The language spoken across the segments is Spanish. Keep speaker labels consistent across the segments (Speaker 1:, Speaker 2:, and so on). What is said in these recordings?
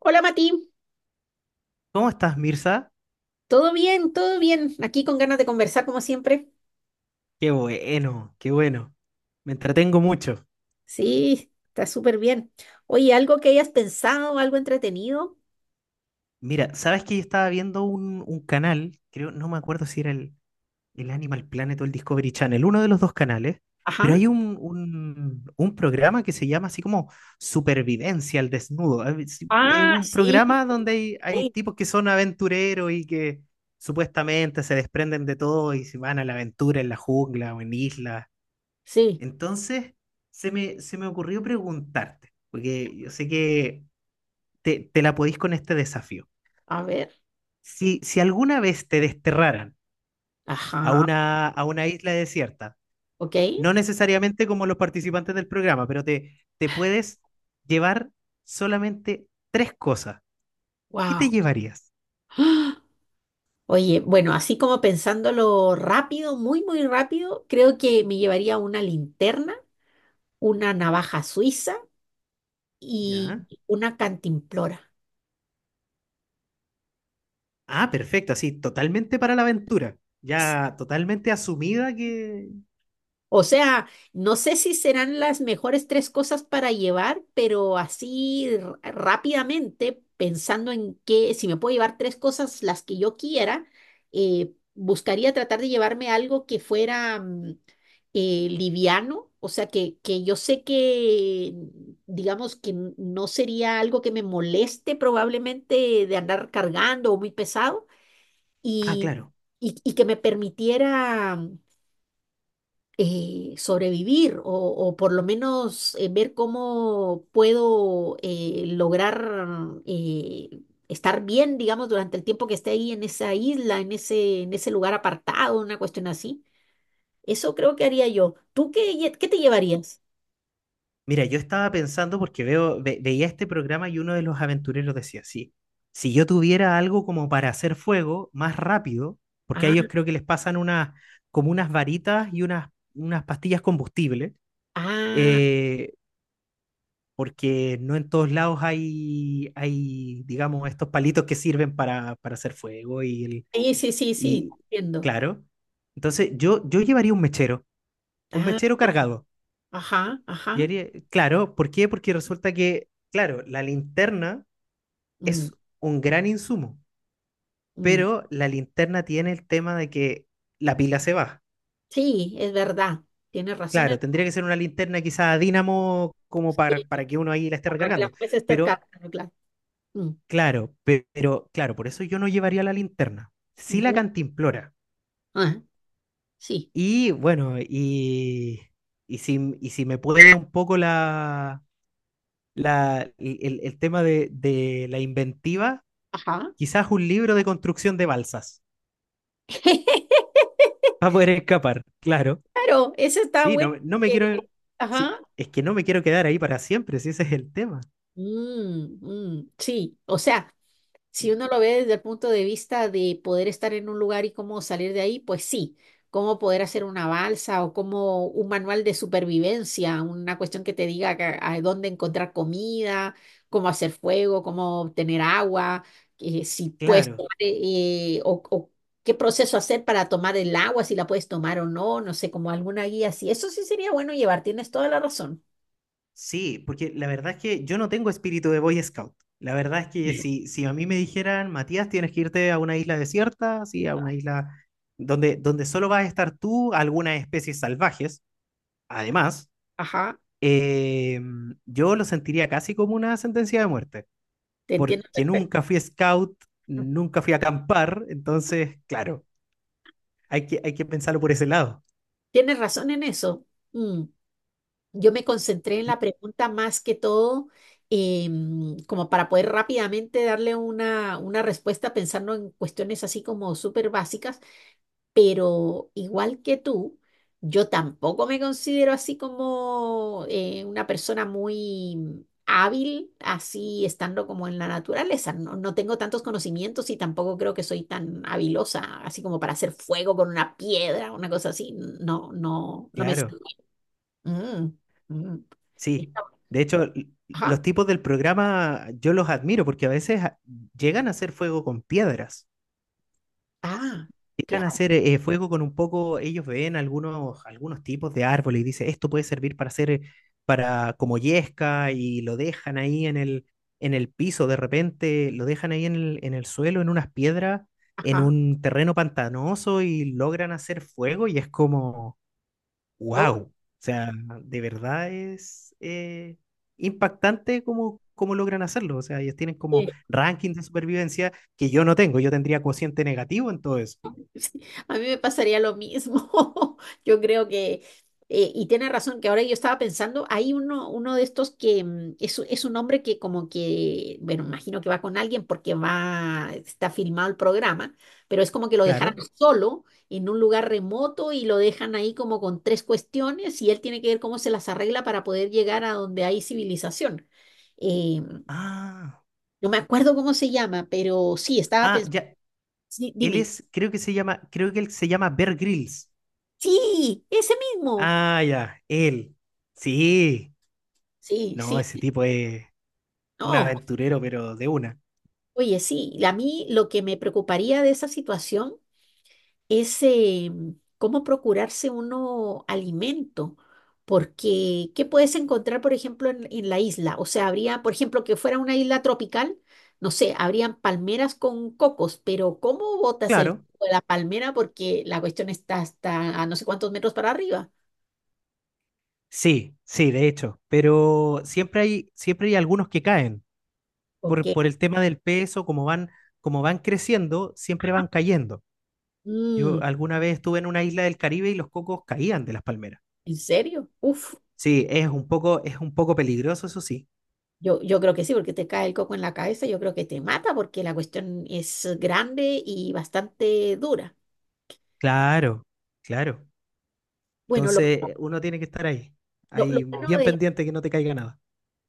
Speaker 1: Hola Mati,
Speaker 2: ¿Cómo estás, Mirza?
Speaker 1: todo bien, todo bien. Aquí con ganas de conversar como siempre.
Speaker 2: Qué bueno, qué bueno. Me entretengo mucho.
Speaker 1: Sí, está súper bien. Oye, ¿algo que hayas pensado, algo entretenido?
Speaker 2: Mira, ¿sabes que yo estaba viendo un canal? Creo, no me acuerdo si era el Animal Planet o el Discovery Channel, uno de los dos canales, pero
Speaker 1: Ajá.
Speaker 2: hay un programa que se llama así como Supervivencia al Desnudo. A ver, es
Speaker 1: Ah,
Speaker 2: un
Speaker 1: sí,
Speaker 2: programa donde hay
Speaker 1: sí,
Speaker 2: tipos que son aventureros y que supuestamente se desprenden de todo y se van a la aventura en la jungla o en islas.
Speaker 1: sí.
Speaker 2: Entonces, se me ocurrió preguntarte, porque yo sé que te la podís con este desafío.
Speaker 1: A ver.
Speaker 2: Si alguna vez te desterraran a
Speaker 1: Ajá.
Speaker 2: una isla desierta,
Speaker 1: Ok.
Speaker 2: no necesariamente como los participantes del programa, pero te puedes llevar solamente tres cosas, ¿qué te
Speaker 1: Wow.
Speaker 2: llevarías?
Speaker 1: Oye, bueno, así como pensándolo rápido, muy, muy rápido, creo que me llevaría una linterna, una navaja suiza y
Speaker 2: ¿Ya?
Speaker 1: una cantimplora.
Speaker 2: Ah, perfecto, así, totalmente para la aventura, ya totalmente asumida
Speaker 1: O sea, no sé si serán las mejores tres cosas para llevar, pero así rápidamente, pensando en que si me puedo llevar tres cosas las que yo quiera, buscaría tratar de llevarme algo que fuera liviano, o sea, que yo sé que, digamos, que no sería algo que me moleste probablemente de andar cargando o muy pesado
Speaker 2: Ah,
Speaker 1: y,
Speaker 2: claro.
Speaker 1: y que me permitiera sobrevivir o por lo menos ver cómo puedo lograr eh, estar bien, digamos, durante el tiempo que esté ahí en esa isla, en ese lugar apartado, una cuestión así. Eso creo que haría yo. ¿Tú qué, qué te llevarías?
Speaker 2: Mira, yo estaba pensando porque veía este programa y uno de los aventureros decía, sí, si yo tuviera algo como para hacer fuego más rápido, porque a
Speaker 1: Ah,
Speaker 2: ellos creo que les pasan unas, como unas varitas y unas pastillas combustibles,
Speaker 1: ah,
Speaker 2: eh, porque no en todos lados hay, digamos, estos palitos que sirven para hacer fuego
Speaker 1: sí, sí, sí, sí,
Speaker 2: y
Speaker 1: entiendo.
Speaker 2: claro. Entonces, yo llevaría un
Speaker 1: Ah,
Speaker 2: mechero cargado.
Speaker 1: ajá, ajá.
Speaker 2: Claro, ¿por qué? Porque resulta que, claro, la linterna
Speaker 1: Mm,
Speaker 2: es un gran insumo,
Speaker 1: mm.
Speaker 2: pero la linterna tiene el tema de que la pila se va.
Speaker 1: Sí, es verdad. Tienes razón en...
Speaker 2: Claro, tendría que ser una linterna quizá a dínamo como
Speaker 1: Sí,
Speaker 2: para que uno ahí la esté
Speaker 1: para que la
Speaker 2: recargando.
Speaker 1: puedas estar
Speaker 2: Pero,
Speaker 1: claro. Mm,
Speaker 2: claro, pero, claro, por eso yo no llevaría la linterna. Sí la
Speaker 1: mm.
Speaker 2: cantimplora.
Speaker 1: Ah, sí.
Speaker 2: Y bueno, si, y si me puede un poco el tema de la inventiva.
Speaker 1: Ajá.
Speaker 2: Quizás un libro de construcción de balsas. Para poder escapar, claro.
Speaker 1: Claro, eso está
Speaker 2: Sí,
Speaker 1: bueno.
Speaker 2: no me
Speaker 1: que-
Speaker 2: quiero.
Speaker 1: Ajá.
Speaker 2: Sí, es que no me quiero quedar ahí para siempre, si ese es el tema.
Speaker 1: Mm, mm, sí, o sea, si
Speaker 2: Sí,
Speaker 1: uno lo ve desde el punto de vista de poder estar en un lugar y cómo salir de ahí, pues sí, cómo poder hacer una balsa o como un manual de supervivencia, una cuestión que te diga a dónde encontrar comida, cómo hacer fuego, cómo obtener agua, si puedes
Speaker 2: claro,
Speaker 1: tomar, o qué proceso hacer para tomar el agua, si la puedes tomar o no, no sé, como alguna guía así. Eso sí sería bueno llevar, tienes toda la razón.
Speaker 2: sí, porque la verdad es que yo no tengo espíritu de Boy Scout. La verdad es que
Speaker 1: Sí.
Speaker 2: si a mí me dijeran, Matías, tienes que irte a una isla desierta, sí, a una isla donde solo vas a estar tú, algunas especies salvajes, además,
Speaker 1: Ajá,
Speaker 2: eh, yo lo sentiría casi como una sentencia de muerte.
Speaker 1: te entiendo.
Speaker 2: Porque nunca fui scout, nunca fui a acampar, entonces, claro, hay que pensarlo por ese lado.
Speaker 1: Tienes razón en eso. Mm. Yo me concentré en la pregunta más que todo, como para poder rápidamente darle una respuesta pensando en cuestiones así como súper básicas, pero igual que tú, yo tampoco me considero así como una persona muy hábil, así estando como en la naturaleza. No, no tengo tantos conocimientos y tampoco creo que soy tan habilosa, así como para hacer fuego con una piedra, una cosa así. No, no, no me... sale.
Speaker 2: Claro,
Speaker 1: Mm, mm.
Speaker 2: sí.
Speaker 1: Está-
Speaker 2: De hecho,
Speaker 1: Ajá.
Speaker 2: los tipos del programa yo los admiro porque a veces llegan a hacer fuego con piedras.
Speaker 1: Ah,
Speaker 2: Llegan a
Speaker 1: claro.
Speaker 2: hacer fuego con un poco, ellos ven algunos tipos de árboles y dicen, esto puede servir para hacer, para como yesca y lo dejan ahí en el piso, de repente lo dejan ahí en el suelo, en unas piedras, en
Speaker 1: Ajá.
Speaker 2: un terreno pantanoso y logran hacer fuego y es como wow, o sea, de verdad es impactante cómo logran hacerlo, o sea, ellos tienen como
Speaker 1: Oye,
Speaker 2: rankings de supervivencia que yo no tengo, yo tendría cociente negativo en todo eso,
Speaker 1: sí, a mí me pasaría lo mismo. Yo creo que, y tiene razón, que ahora yo estaba pensando, hay uno, uno de estos que es un hombre que como que, bueno, imagino que va con alguien porque va, está filmado el programa, pero es como que lo dejaran
Speaker 2: claro.
Speaker 1: solo en un lugar remoto y lo dejan ahí como con tres cuestiones y él tiene que ver cómo se las arregla para poder llegar a donde hay civilización. Eh,
Speaker 2: Ah,
Speaker 1: No me acuerdo cómo se llama, pero sí, estaba
Speaker 2: ah,
Speaker 1: pensando.
Speaker 2: ya.
Speaker 1: Sí,
Speaker 2: Él
Speaker 1: dime.
Speaker 2: es, creo que se llama, creo que él se llama Bear Grylls.
Speaker 1: Sí, ese mismo.
Speaker 2: Ah, ya, él. Sí.
Speaker 1: Sí,
Speaker 2: No,
Speaker 1: sí.
Speaker 2: ese tipo es un
Speaker 1: No,
Speaker 2: aventurero, pero de una.
Speaker 1: oye, sí. A mí lo que me preocuparía de esa situación es cómo procurarse uno alimento. Porque, ¿qué puedes encontrar, por ejemplo, en la isla? O sea, habría, por ejemplo, que fuera una isla tropical, no sé, habrían palmeras con cocos, pero ¿cómo botas el
Speaker 2: Claro.
Speaker 1: coco de la palmera? Porque la cuestión está hasta a no sé cuántos metros para arriba.
Speaker 2: Sí, sí, de hecho. Pero siempre hay algunos que caen.
Speaker 1: Ok.
Speaker 2: Por el tema del peso, como van creciendo, siempre van cayendo.
Speaker 1: Mm.
Speaker 2: Yo alguna vez estuve en una isla del Caribe y los cocos caían de las palmeras.
Speaker 1: ¿En serio? Uf,
Speaker 2: Sí, es un poco peligroso, eso sí.
Speaker 1: yo creo que sí, porque te cae el coco en la cabeza, yo creo que te mata porque la cuestión es grande y bastante dura.
Speaker 2: Claro, claro.
Speaker 1: Bueno,
Speaker 2: Entonces, uno tiene que estar
Speaker 1: lo
Speaker 2: ahí
Speaker 1: bueno
Speaker 2: bien pendiente que no te caiga nada.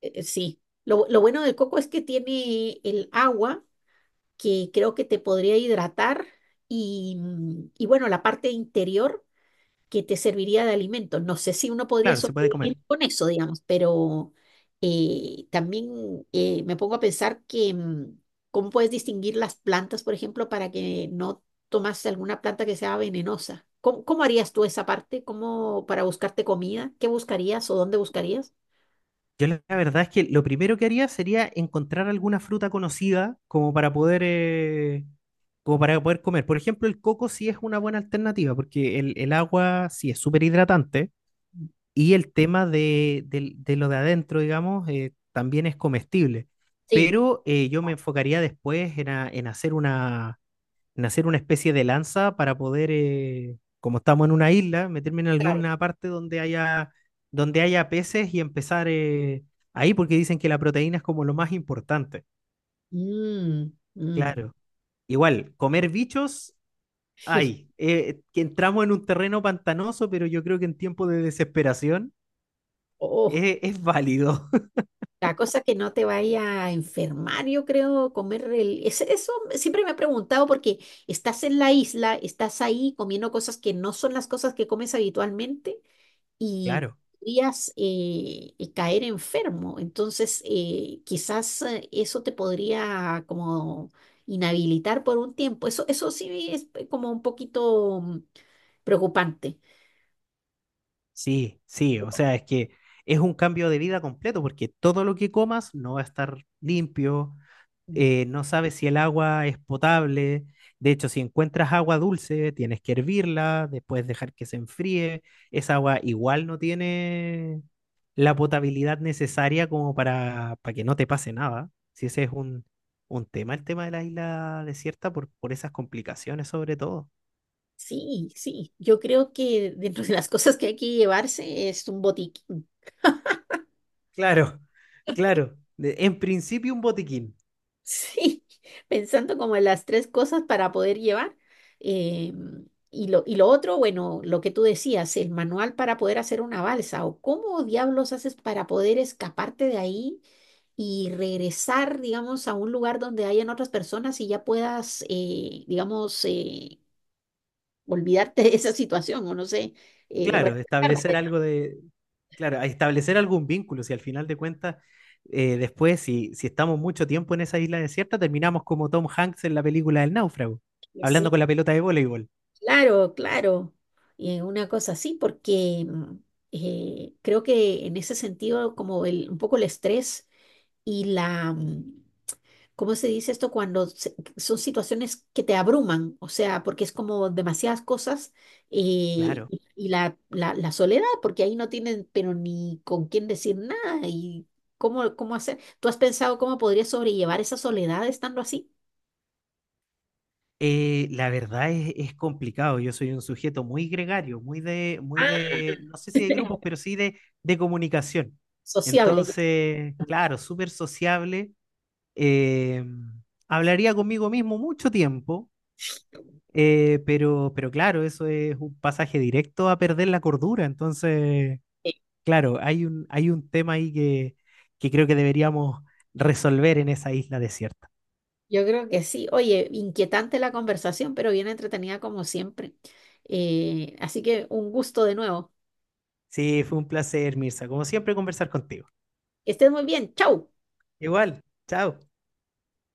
Speaker 1: sí, lo bueno del coco es que tiene el agua que creo que te podría hidratar y, y bueno, la parte interior. Que te serviría de alimento. No sé si uno podría
Speaker 2: Claro, se puede
Speaker 1: sobrevivir
Speaker 2: comer.
Speaker 1: con eso, digamos, pero también me pongo a pensar que cómo puedes distinguir las plantas, por ejemplo, para que no tomas alguna planta que sea venenosa. ¿Cómo, cómo harías tú esa parte? ¿Cómo para buscarte comida? ¿Qué buscarías o dónde buscarías?
Speaker 2: Yo la verdad es que lo primero que haría sería encontrar alguna fruta conocida como para poder comer. Por ejemplo, el coco sí es una buena alternativa porque el agua sí es súper hidratante y el tema de lo de adentro, digamos, también es comestible.
Speaker 1: Sí,
Speaker 2: Pero yo me enfocaría después en hacer una especie de lanza para poder, como estamos en una isla, meterme en
Speaker 1: claro.
Speaker 2: alguna parte donde haya peces y empezar ahí, porque dicen que la proteína es como lo más importante.
Speaker 1: Mm, mm.
Speaker 2: Claro. Igual, comer bichos, hay. Que entramos en un terreno pantanoso, pero yo creo que en tiempo de desesperación
Speaker 1: Oh.
Speaker 2: es válido.
Speaker 1: La cosa es que no te vaya a enfermar, yo creo, comer el... Eso siempre me he preguntado porque estás en la isla, estás ahí comiendo cosas que no son las cosas que comes habitualmente y
Speaker 2: Claro.
Speaker 1: podrías caer enfermo. Entonces, quizás eso te podría como inhabilitar por un tiempo. Eso sí es como un poquito preocupante.
Speaker 2: Sí, sí, o sea, es que es un cambio de vida completo, porque todo lo que comas no va a estar limpio, no sabes si el agua es potable. De hecho, si encuentras agua dulce, tienes que hervirla, después dejar que se enfríe. Esa agua igual no tiene la potabilidad necesaria como para que no te pase nada. Si ese es un tema, el tema de la isla desierta, por esas complicaciones sobre todo.
Speaker 1: Sí, sí, yo creo que dentro de las cosas que hay que llevarse es un botiquín.
Speaker 2: Claro, claro. De- En principio un botiquín.
Speaker 1: Sí, pensando como en las tres cosas para poder llevar. Eh, y lo otro, bueno, lo que tú decías, el manual para poder hacer una balsa o cómo diablos haces para poder escaparte de ahí y regresar, digamos, a un lugar donde hayan otras personas y ya puedas, digamos, olvidarte de esa situación o no sé,
Speaker 2: Claro,
Speaker 1: reflejarla.
Speaker 2: establecer algo de, claro, a establecer algún vínculo, si al final de cuentas, después, si estamos mucho tiempo en esa isla desierta, terminamos como Tom Hanks en la película El Náufrago, hablando con la pelota de voleibol.
Speaker 1: Claro, claro, una cosa así, porque creo que en ese sentido, como el, un poco el estrés y ¿cómo se dice esto? Cuando son situaciones que te abruman, o sea, porque es como demasiadas cosas eh,
Speaker 2: Claro.
Speaker 1: y la soledad, porque ahí no tienen, pero ni con quién decir nada y cómo, cómo hacer. ¿Tú has pensado cómo podrías sobrellevar esa soledad estando así?
Speaker 2: La verdad es complicado. Yo soy un sujeto muy gregario, muy
Speaker 1: Ah,
Speaker 2: de, no sé si de grupos, pero sí de comunicación.
Speaker 1: sociable. Ya.
Speaker 2: Entonces, claro, súper sociable. eh, Hablaría conmigo mismo mucho tiempo. Pero claro, eso es un pasaje directo a perder la cordura. Entonces, claro, hay hay un tema ahí que creo que deberíamos resolver en esa isla desierta.
Speaker 1: Yo creo que sí. Oye, inquietante la conversación, pero bien entretenida como siempre. Así que un gusto de nuevo.
Speaker 2: Sí, fue un placer, Mirza. Como siempre, conversar contigo.
Speaker 1: Que estés muy bien. Chau.
Speaker 2: Igual, chao.